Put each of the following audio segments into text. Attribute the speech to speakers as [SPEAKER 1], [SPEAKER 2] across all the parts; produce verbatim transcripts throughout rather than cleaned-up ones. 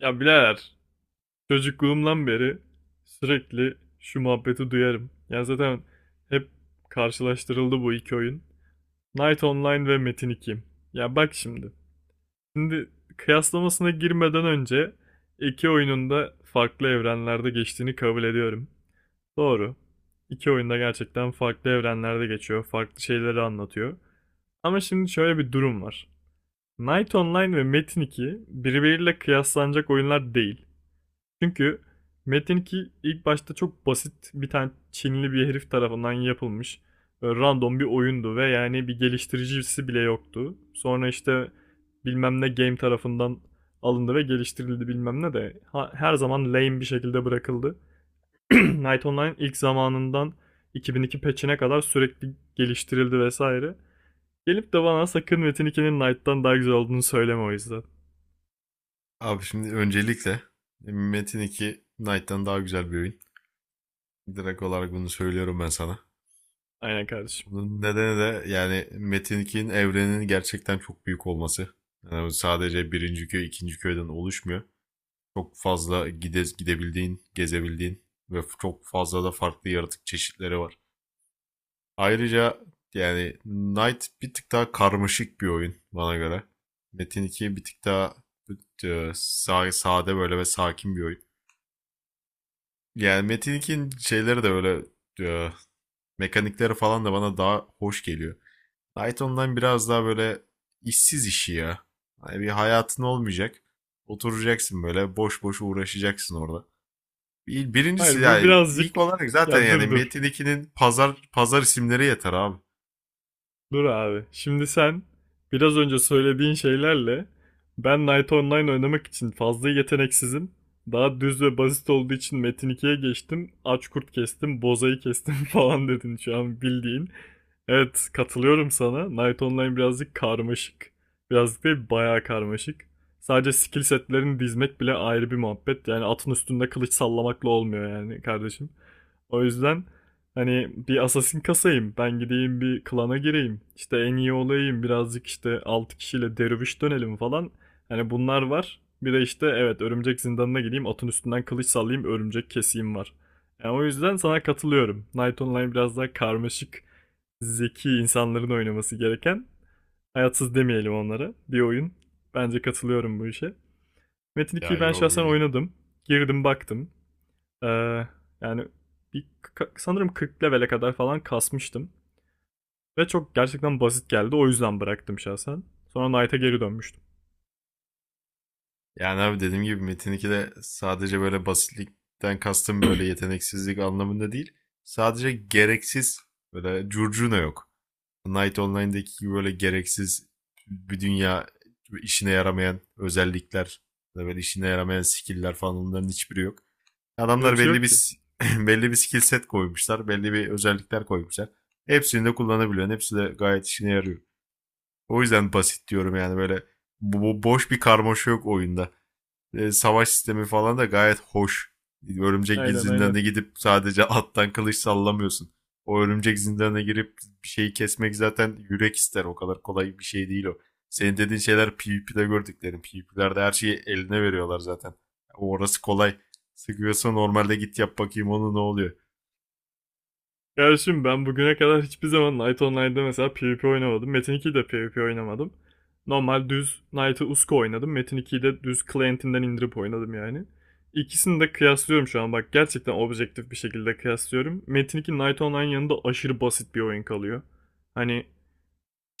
[SPEAKER 1] Ya birader çocukluğumdan beri sürekli şu muhabbeti duyarım. Yani zaten hep karşılaştırıldı bu iki oyun. Knight Online ve Metin iki. Ya bak şimdi. Şimdi kıyaslamasına girmeden önce iki oyunun da farklı evrenlerde geçtiğini kabul ediyorum. Doğru. İki oyunda gerçekten farklı evrenlerde geçiyor. Farklı şeyleri anlatıyor. Ama şimdi şöyle bir durum var. Knight Online ve Metin iki birbiriyle kıyaslanacak oyunlar değil. Çünkü Metin iki ilk başta çok basit bir tane Çinli bir herif tarafından yapılmış böyle random bir oyundu ve yani bir geliştiricisi bile yoktu. Sonra işte bilmem ne game tarafından alındı ve geliştirildi, bilmem ne de ha- her zaman lame bir şekilde bırakıldı. Night Online ilk zamanından iki bin iki patch'ine kadar sürekli geliştirildi vesaire. Gelip de bana sakın Metin ikinin Knight'tan daha güzel olduğunu söyleme o yüzden.
[SPEAKER 2] Abi şimdi öncelikle e, Metin iki Knight'tan daha güzel bir oyun. Direkt olarak bunu söylüyorum ben sana.
[SPEAKER 1] Aynen kardeşim.
[SPEAKER 2] Bunun nedeni de yani Metin ikinin evreninin gerçekten çok büyük olması. Yani sadece birinci köy, ikinci köyden oluşmuyor. Çok fazla gide, gidebildiğin, gezebildiğin ve çok fazla da farklı yaratık çeşitleri var. Ayrıca yani Knight bir tık daha karmaşık bir oyun bana göre. Metin iki bir tık daha e, sade böyle ve sakin bir oyun. Yani Metin ikinin şeyleri de öyle e, mekanikleri falan da bana daha hoş geliyor. Python'dan biraz daha böyle işsiz işi ya. Hani bir hayatın olmayacak. Oturacaksın böyle boş boş uğraşacaksın orada. Bir- Birincisi
[SPEAKER 1] Hayır, bu
[SPEAKER 2] yani ilk
[SPEAKER 1] birazcık
[SPEAKER 2] olarak zaten
[SPEAKER 1] ya
[SPEAKER 2] yani
[SPEAKER 1] dur dur
[SPEAKER 2] Metin ikinin pazar pazar isimleri yeter abi.
[SPEAKER 1] Dur abi. Şimdi sen biraz önce söylediğin şeylerle ben Night Online oynamak için fazla yeteneksizim. Daha düz ve basit olduğu için Metin ikiye geçtim. Aç kurt kestim, bozayı kestim falan dedin şu an bildiğin. Evet, katılıyorum sana. Knight Online birazcık karmaşık. Birazcık değil, bayağı karmaşık. Sadece skill setlerini dizmek bile ayrı bir muhabbet. Yani atın üstünde kılıç sallamakla olmuyor yani kardeşim. O yüzden hani bir assassin kasayım. Ben gideyim bir klana gireyim. İşte en iyi olayım. Birazcık işte altı kişiyle derviş dönelim falan. Hani bunlar var. Bir de işte evet, örümcek zindanına gideyim. Atın üstünden kılıç sallayayım. Örümcek keseyim var. Yani o yüzden sana katılıyorum. Knight Online biraz daha karmaşık, zeki insanların oynaması gereken, hayatsız demeyelim onlara, bir oyun. Bence katılıyorum bu işe. Metin
[SPEAKER 2] Ya
[SPEAKER 1] ikiyi ben
[SPEAKER 2] yo,
[SPEAKER 1] şahsen oynadım. Girdim baktım. Ee, Yani bir, sanırım kırk levele kadar falan kasmıştım. Ve çok gerçekten basit geldi. O yüzden bıraktım şahsen. Sonra Knight'a geri dönmüştüm.
[SPEAKER 2] yani abi dediğim gibi Metin ikide sadece böyle basitlikten kastım böyle yeteneksizlik anlamında değil. Sadece gereksiz böyle curcuna yok. Night Online'daki gibi böyle gereksiz bir dünya, işine yaramayan özellikler, böyle işine yaramayan skill'ler falan onların hiçbiri yok.
[SPEAKER 1] Böyle
[SPEAKER 2] Adamlar
[SPEAKER 1] bir şey
[SPEAKER 2] belli
[SPEAKER 1] yok ki.
[SPEAKER 2] bir belli bir skill set koymuşlar, belli bir özellikler koymuşlar. Hepsini de kullanabiliyorsun. Hepsi de gayet işine yarıyor. O yüzden basit diyorum yani böyle bu boş bir karmaşa yok oyunda. E, savaş sistemi falan da gayet hoş. Örümcek
[SPEAKER 1] Aynen, aynen.
[SPEAKER 2] zindanına gidip sadece attan kılıç sallamıyorsun. O örümcek zindanına girip bir şeyi kesmek zaten yürek ister. O kadar kolay bir şey değil o. Senin dediğin şeyler P V P'de gördüklerim. P V P'lerde her şeyi eline veriyorlar zaten. O Orası kolay. Sıkıyorsa normalde git yap bakayım onu ne oluyor.
[SPEAKER 1] Ya şimdi ben bugüne kadar hiçbir zaman Night Online'da mesela PvP oynamadım. Metin ikide de PvP oynamadım. Normal düz Knight'ı Usko oynadım. Metin ikiyi de düz Client'inden indirip oynadım yani. İkisini de kıyaslıyorum şu an, bak, gerçekten objektif bir şekilde kıyaslıyorum. Metin iki Night Online yanında aşırı basit bir oyun kalıyor. Hani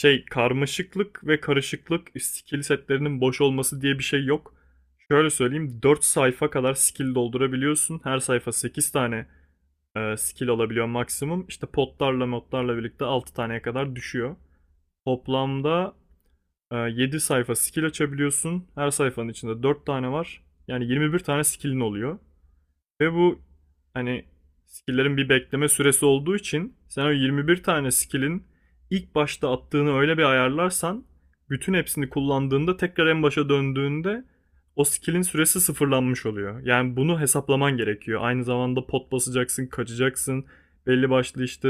[SPEAKER 1] şey, karmaşıklık ve karışıklık, skill setlerinin boş olması diye bir şey yok. Şöyle söyleyeyim, dört sayfa kadar skill doldurabiliyorsun. Her sayfa sekiz tane e, skill olabiliyor maksimum. İşte potlarla modlarla birlikte altı taneye kadar düşüyor. Toplamda e, yedi sayfa skill açabiliyorsun. Her sayfanın içinde dört tane var. Yani yirmi bir tane skillin oluyor. Ve bu hani skill'lerin bir bekleme süresi olduğu için sen o yirmi bir tane skill'in ilk başta attığını öyle bir ayarlarsan bütün hepsini kullandığında tekrar en başa döndüğünde o skill'in süresi sıfırlanmış oluyor. Yani bunu hesaplaman gerekiyor. Aynı zamanda pot basacaksın, kaçacaksın. Belli başlı işte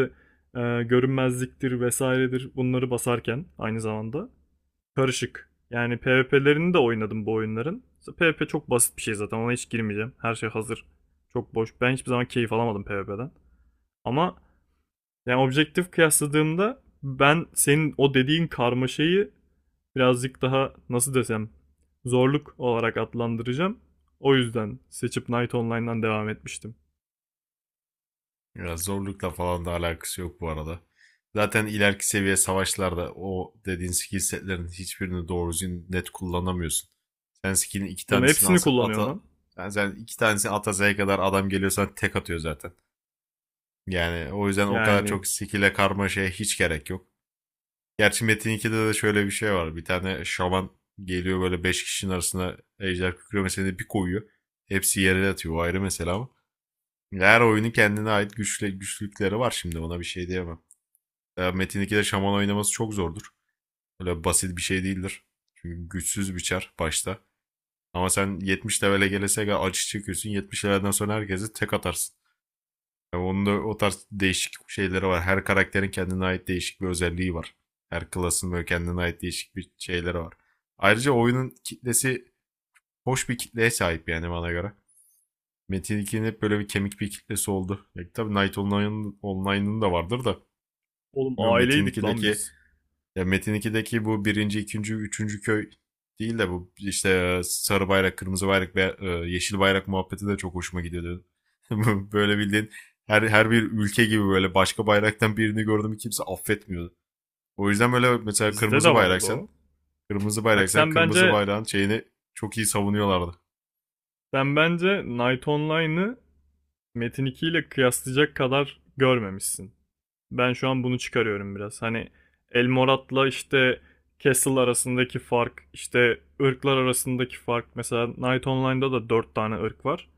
[SPEAKER 1] e, görünmezliktir vesairedir bunları basarken aynı zamanda karışık. Yani PvP'lerini de oynadım bu oyunların. PvP çok basit bir şey zaten. Ona hiç girmeyeceğim. Her şey hazır. Çok boş. Ben hiçbir zaman keyif alamadım PvP'den. Ama yani objektif kıyasladığımda ben senin o dediğin karmaşayı birazcık daha nasıl desem, zorluk olarak adlandıracağım. O yüzden seçip Night Online'dan devam etmiştim.
[SPEAKER 2] Ya zorlukla falan da alakası yok bu arada. Zaten ileriki seviye savaşlarda o dediğin skill setlerin hiçbirini doğru düzgün net kullanamıyorsun. Sen skill'in iki
[SPEAKER 1] Oğlum
[SPEAKER 2] tanesini
[SPEAKER 1] hepsini
[SPEAKER 2] alsa,
[SPEAKER 1] kullanıyorsun
[SPEAKER 2] ata
[SPEAKER 1] lan.
[SPEAKER 2] yani sen iki tanesini ata Z'ye kadar adam geliyorsan tek atıyor zaten. Yani o yüzden o kadar
[SPEAKER 1] Yani
[SPEAKER 2] çok skill'e karmaşaya hiç gerek yok. Gerçi Metin ikide de şöyle bir şey var. Bir tane şaman geliyor böyle beş kişinin arasına ejder kükremesini bir koyuyor. Hepsi yere yatıyor. O ayrı mesela ama. Her oyunun kendine ait güçle, güçlükleri var şimdi ona bir şey diyemem. Ya Metin ikide şaman oynaması çok zordur. Öyle basit bir şey değildir. Çünkü güçsüz bir çar başta. Ama sen yetmiş level'e gelese gel acı çekiyorsun. yetmiş level'den sonra herkesi tek atarsın. Yani onun da o tarz değişik şeyleri var. Her karakterin kendine ait değişik bir özelliği var. Her klasın böyle kendine ait değişik bir şeyleri var. Ayrıca oyunun kitlesi hoş bir kitleye sahip yani bana göre. Metin ikinin hep böyle bir kemik bir kitlesi oldu. Ya, tabii Night Online'ın Online'ın da vardır da.
[SPEAKER 1] oğlum,
[SPEAKER 2] Bilmiyorum Metin
[SPEAKER 1] aileydik lan
[SPEAKER 2] 2'deki
[SPEAKER 1] biz.
[SPEAKER 2] ya Metin ikideki bu birinci, ikinci, üçüncü köy değil de bu işte e, sarı bayrak, kırmızı bayrak ve e, yeşil bayrak muhabbeti de çok hoşuma gidiyordu. Böyle bildiğin her, her bir ülke gibi böyle başka bayraktan birini gördüm mü kimse affetmiyordu. O yüzden böyle mesela
[SPEAKER 1] Bizde de
[SPEAKER 2] kırmızı
[SPEAKER 1] vardı
[SPEAKER 2] bayraksan,
[SPEAKER 1] o.
[SPEAKER 2] kırmızı
[SPEAKER 1] Bak
[SPEAKER 2] bayraksan
[SPEAKER 1] sen
[SPEAKER 2] kırmızı
[SPEAKER 1] bence
[SPEAKER 2] bayrağın şeyini çok iyi savunuyorlardı.
[SPEAKER 1] sen bence Night Online'ı Metin iki ile kıyaslayacak kadar görmemişsin. Ben şu an bunu çıkarıyorum biraz. Hani Elmorat'la işte Castle arasındaki fark, işte ırklar arasındaki fark. Mesela Night Online'da da dört tane ırk var.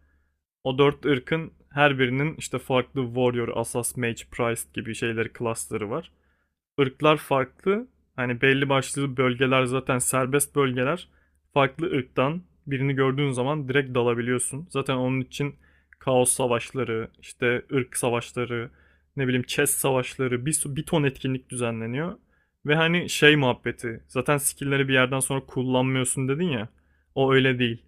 [SPEAKER 1] O dört ırkın her birinin işte farklı Warrior, Assas, Mage, Priest gibi şeyleri, klasları var, ırklar farklı. Hani belli başlı bölgeler zaten serbest bölgeler. Farklı ırktan birini gördüğün zaman direkt dalabiliyorsun. Zaten onun için kaos savaşları, işte ırk savaşları, ne bileyim chess savaşları, bir, bir ton etkinlik düzenleniyor. Ve hani şey muhabbeti, zaten skill'leri bir yerden sonra kullanmıyorsun dedin ya. O öyle değil.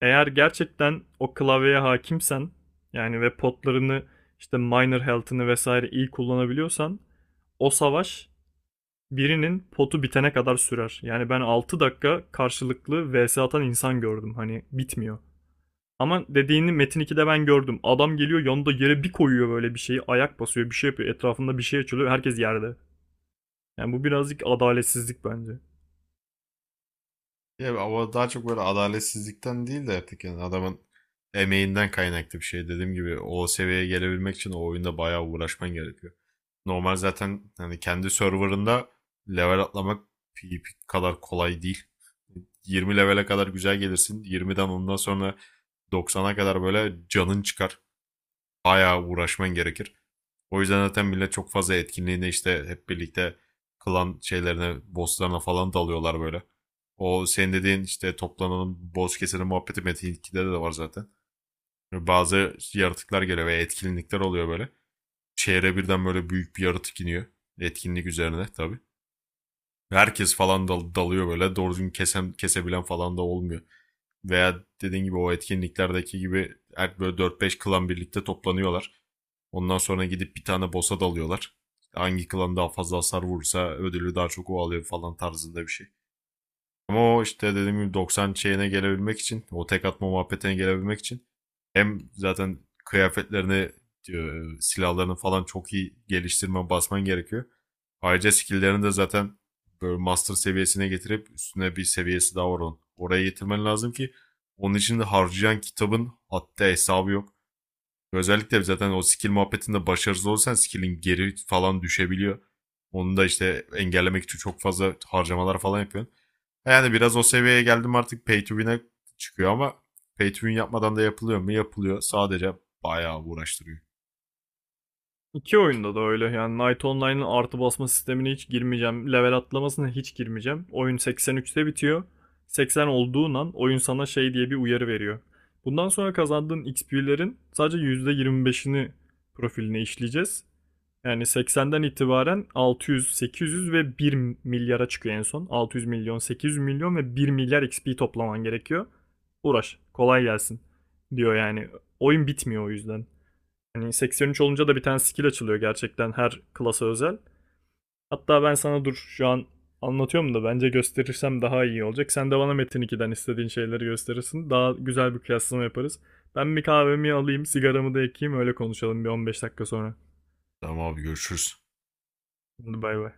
[SPEAKER 1] Eğer gerçekten o klavyeye hakimsen, yani ve potlarını, işte minor health'ını vesaire iyi kullanabiliyorsan o savaş birinin potu bitene kadar sürer. Yani ben altı dakika karşılıklı vs atan insan gördüm. Hani bitmiyor. Ama dediğini Metin ikide ben gördüm. Adam geliyor yanında yere bir koyuyor böyle bir şeyi. Ayak basıyor, bir şey yapıyor. Etrafında bir şey açılıyor. Herkes yerde. Yani bu birazcık adaletsizlik bence.
[SPEAKER 2] Ya ama daha çok böyle adaletsizlikten değil de artık yani adamın emeğinden kaynaklı bir şey. Dediğim gibi o seviyeye gelebilmek için o oyunda bayağı uğraşman gerekiyor. Normal zaten hani kendi serverında level atlamak P V P kadar kolay değil. yirmi levele kadar güzel gelirsin. yirmiden ondan sonra doksana kadar böyle canın çıkar. Bayağı uğraşman gerekir. O yüzden zaten millet çok fazla etkinliğine işte hep birlikte klan şeylerine, bosslarına falan dalıyorlar böyle. O senin dediğin işte toplanalım, boss keselim muhabbeti Metin ikide de var zaten. Bazı yaratıklar geliyor veya etkinlikler oluyor böyle. Şehre birden böyle büyük bir yaratık iniyor. Etkinlik üzerine tabii. Herkes falan dal- dalıyor böyle. Doğru düzgün kesen, kesebilen falan da olmuyor veya dediğin gibi o etkinliklerdeki gibi her böyle dört beş klan birlikte toplanıyorlar. Ondan sonra gidip bir tane boss'a dalıyorlar. Hangi klan daha fazla hasar vurursa ödülü daha çok o alıyor falan tarzında bir şey. Ama o işte dediğim gibi doksan şeyine gelebilmek için, o tek atma muhabbetine gelebilmek için hem zaten kıyafetlerini, e, silahlarını falan çok iyi geliştirmen, basman gerekiyor. Ayrıca skill'lerini de zaten böyle master seviyesine getirip üstüne bir seviyesi daha var onun. Oraya getirmen lazım ki onun için de harcayan kitabın hatta hesabı yok. Özellikle zaten o skill muhabbetinde başarısız olursan skill'in geri falan düşebiliyor. Onu da işte engellemek için çok fazla harcamalar falan yapıyorsun. Yani biraz o seviyeye geldim artık pay to win'e çıkıyor ama pay to win yapmadan da yapılıyor mu? Yapılıyor. Sadece bayağı uğraştırıyor.
[SPEAKER 1] İki oyunda da öyle. Yani Knight Online'ın artı basma sistemine hiç girmeyeceğim. Level atlamasına hiç girmeyeceğim. Oyun seksen üçte bitiyor. seksen olduğundan oyun sana şey diye bir uyarı veriyor. Bundan sonra kazandığın X P'lerin sadece yüzde yirmi beşini profiline işleyeceğiz. Yani seksenden itibaren altı yüz, sekiz yüz ve bir milyara çıkıyor en son. altı yüz milyon, sekiz yüz milyon ve bir milyar X P toplaman gerekiyor. Uğraş, kolay gelsin diyor yani. Oyun bitmiyor o yüzden. Hani seksen üç olunca da bir tane skill açılıyor gerçekten, her klasa özel. Hatta ben sana dur şu an, anlatıyorum da bence gösterirsem daha iyi olacak. Sen de bana Metin ikiden istediğin şeyleri gösterirsin. Daha güzel bir kıyaslama yaparız. Ben bir kahvemi alayım, sigaramı da ekeyim, öyle konuşalım bir on beş dakika sonra.
[SPEAKER 2] Tamam abi, görüşürüz.
[SPEAKER 1] Hadi bay bay.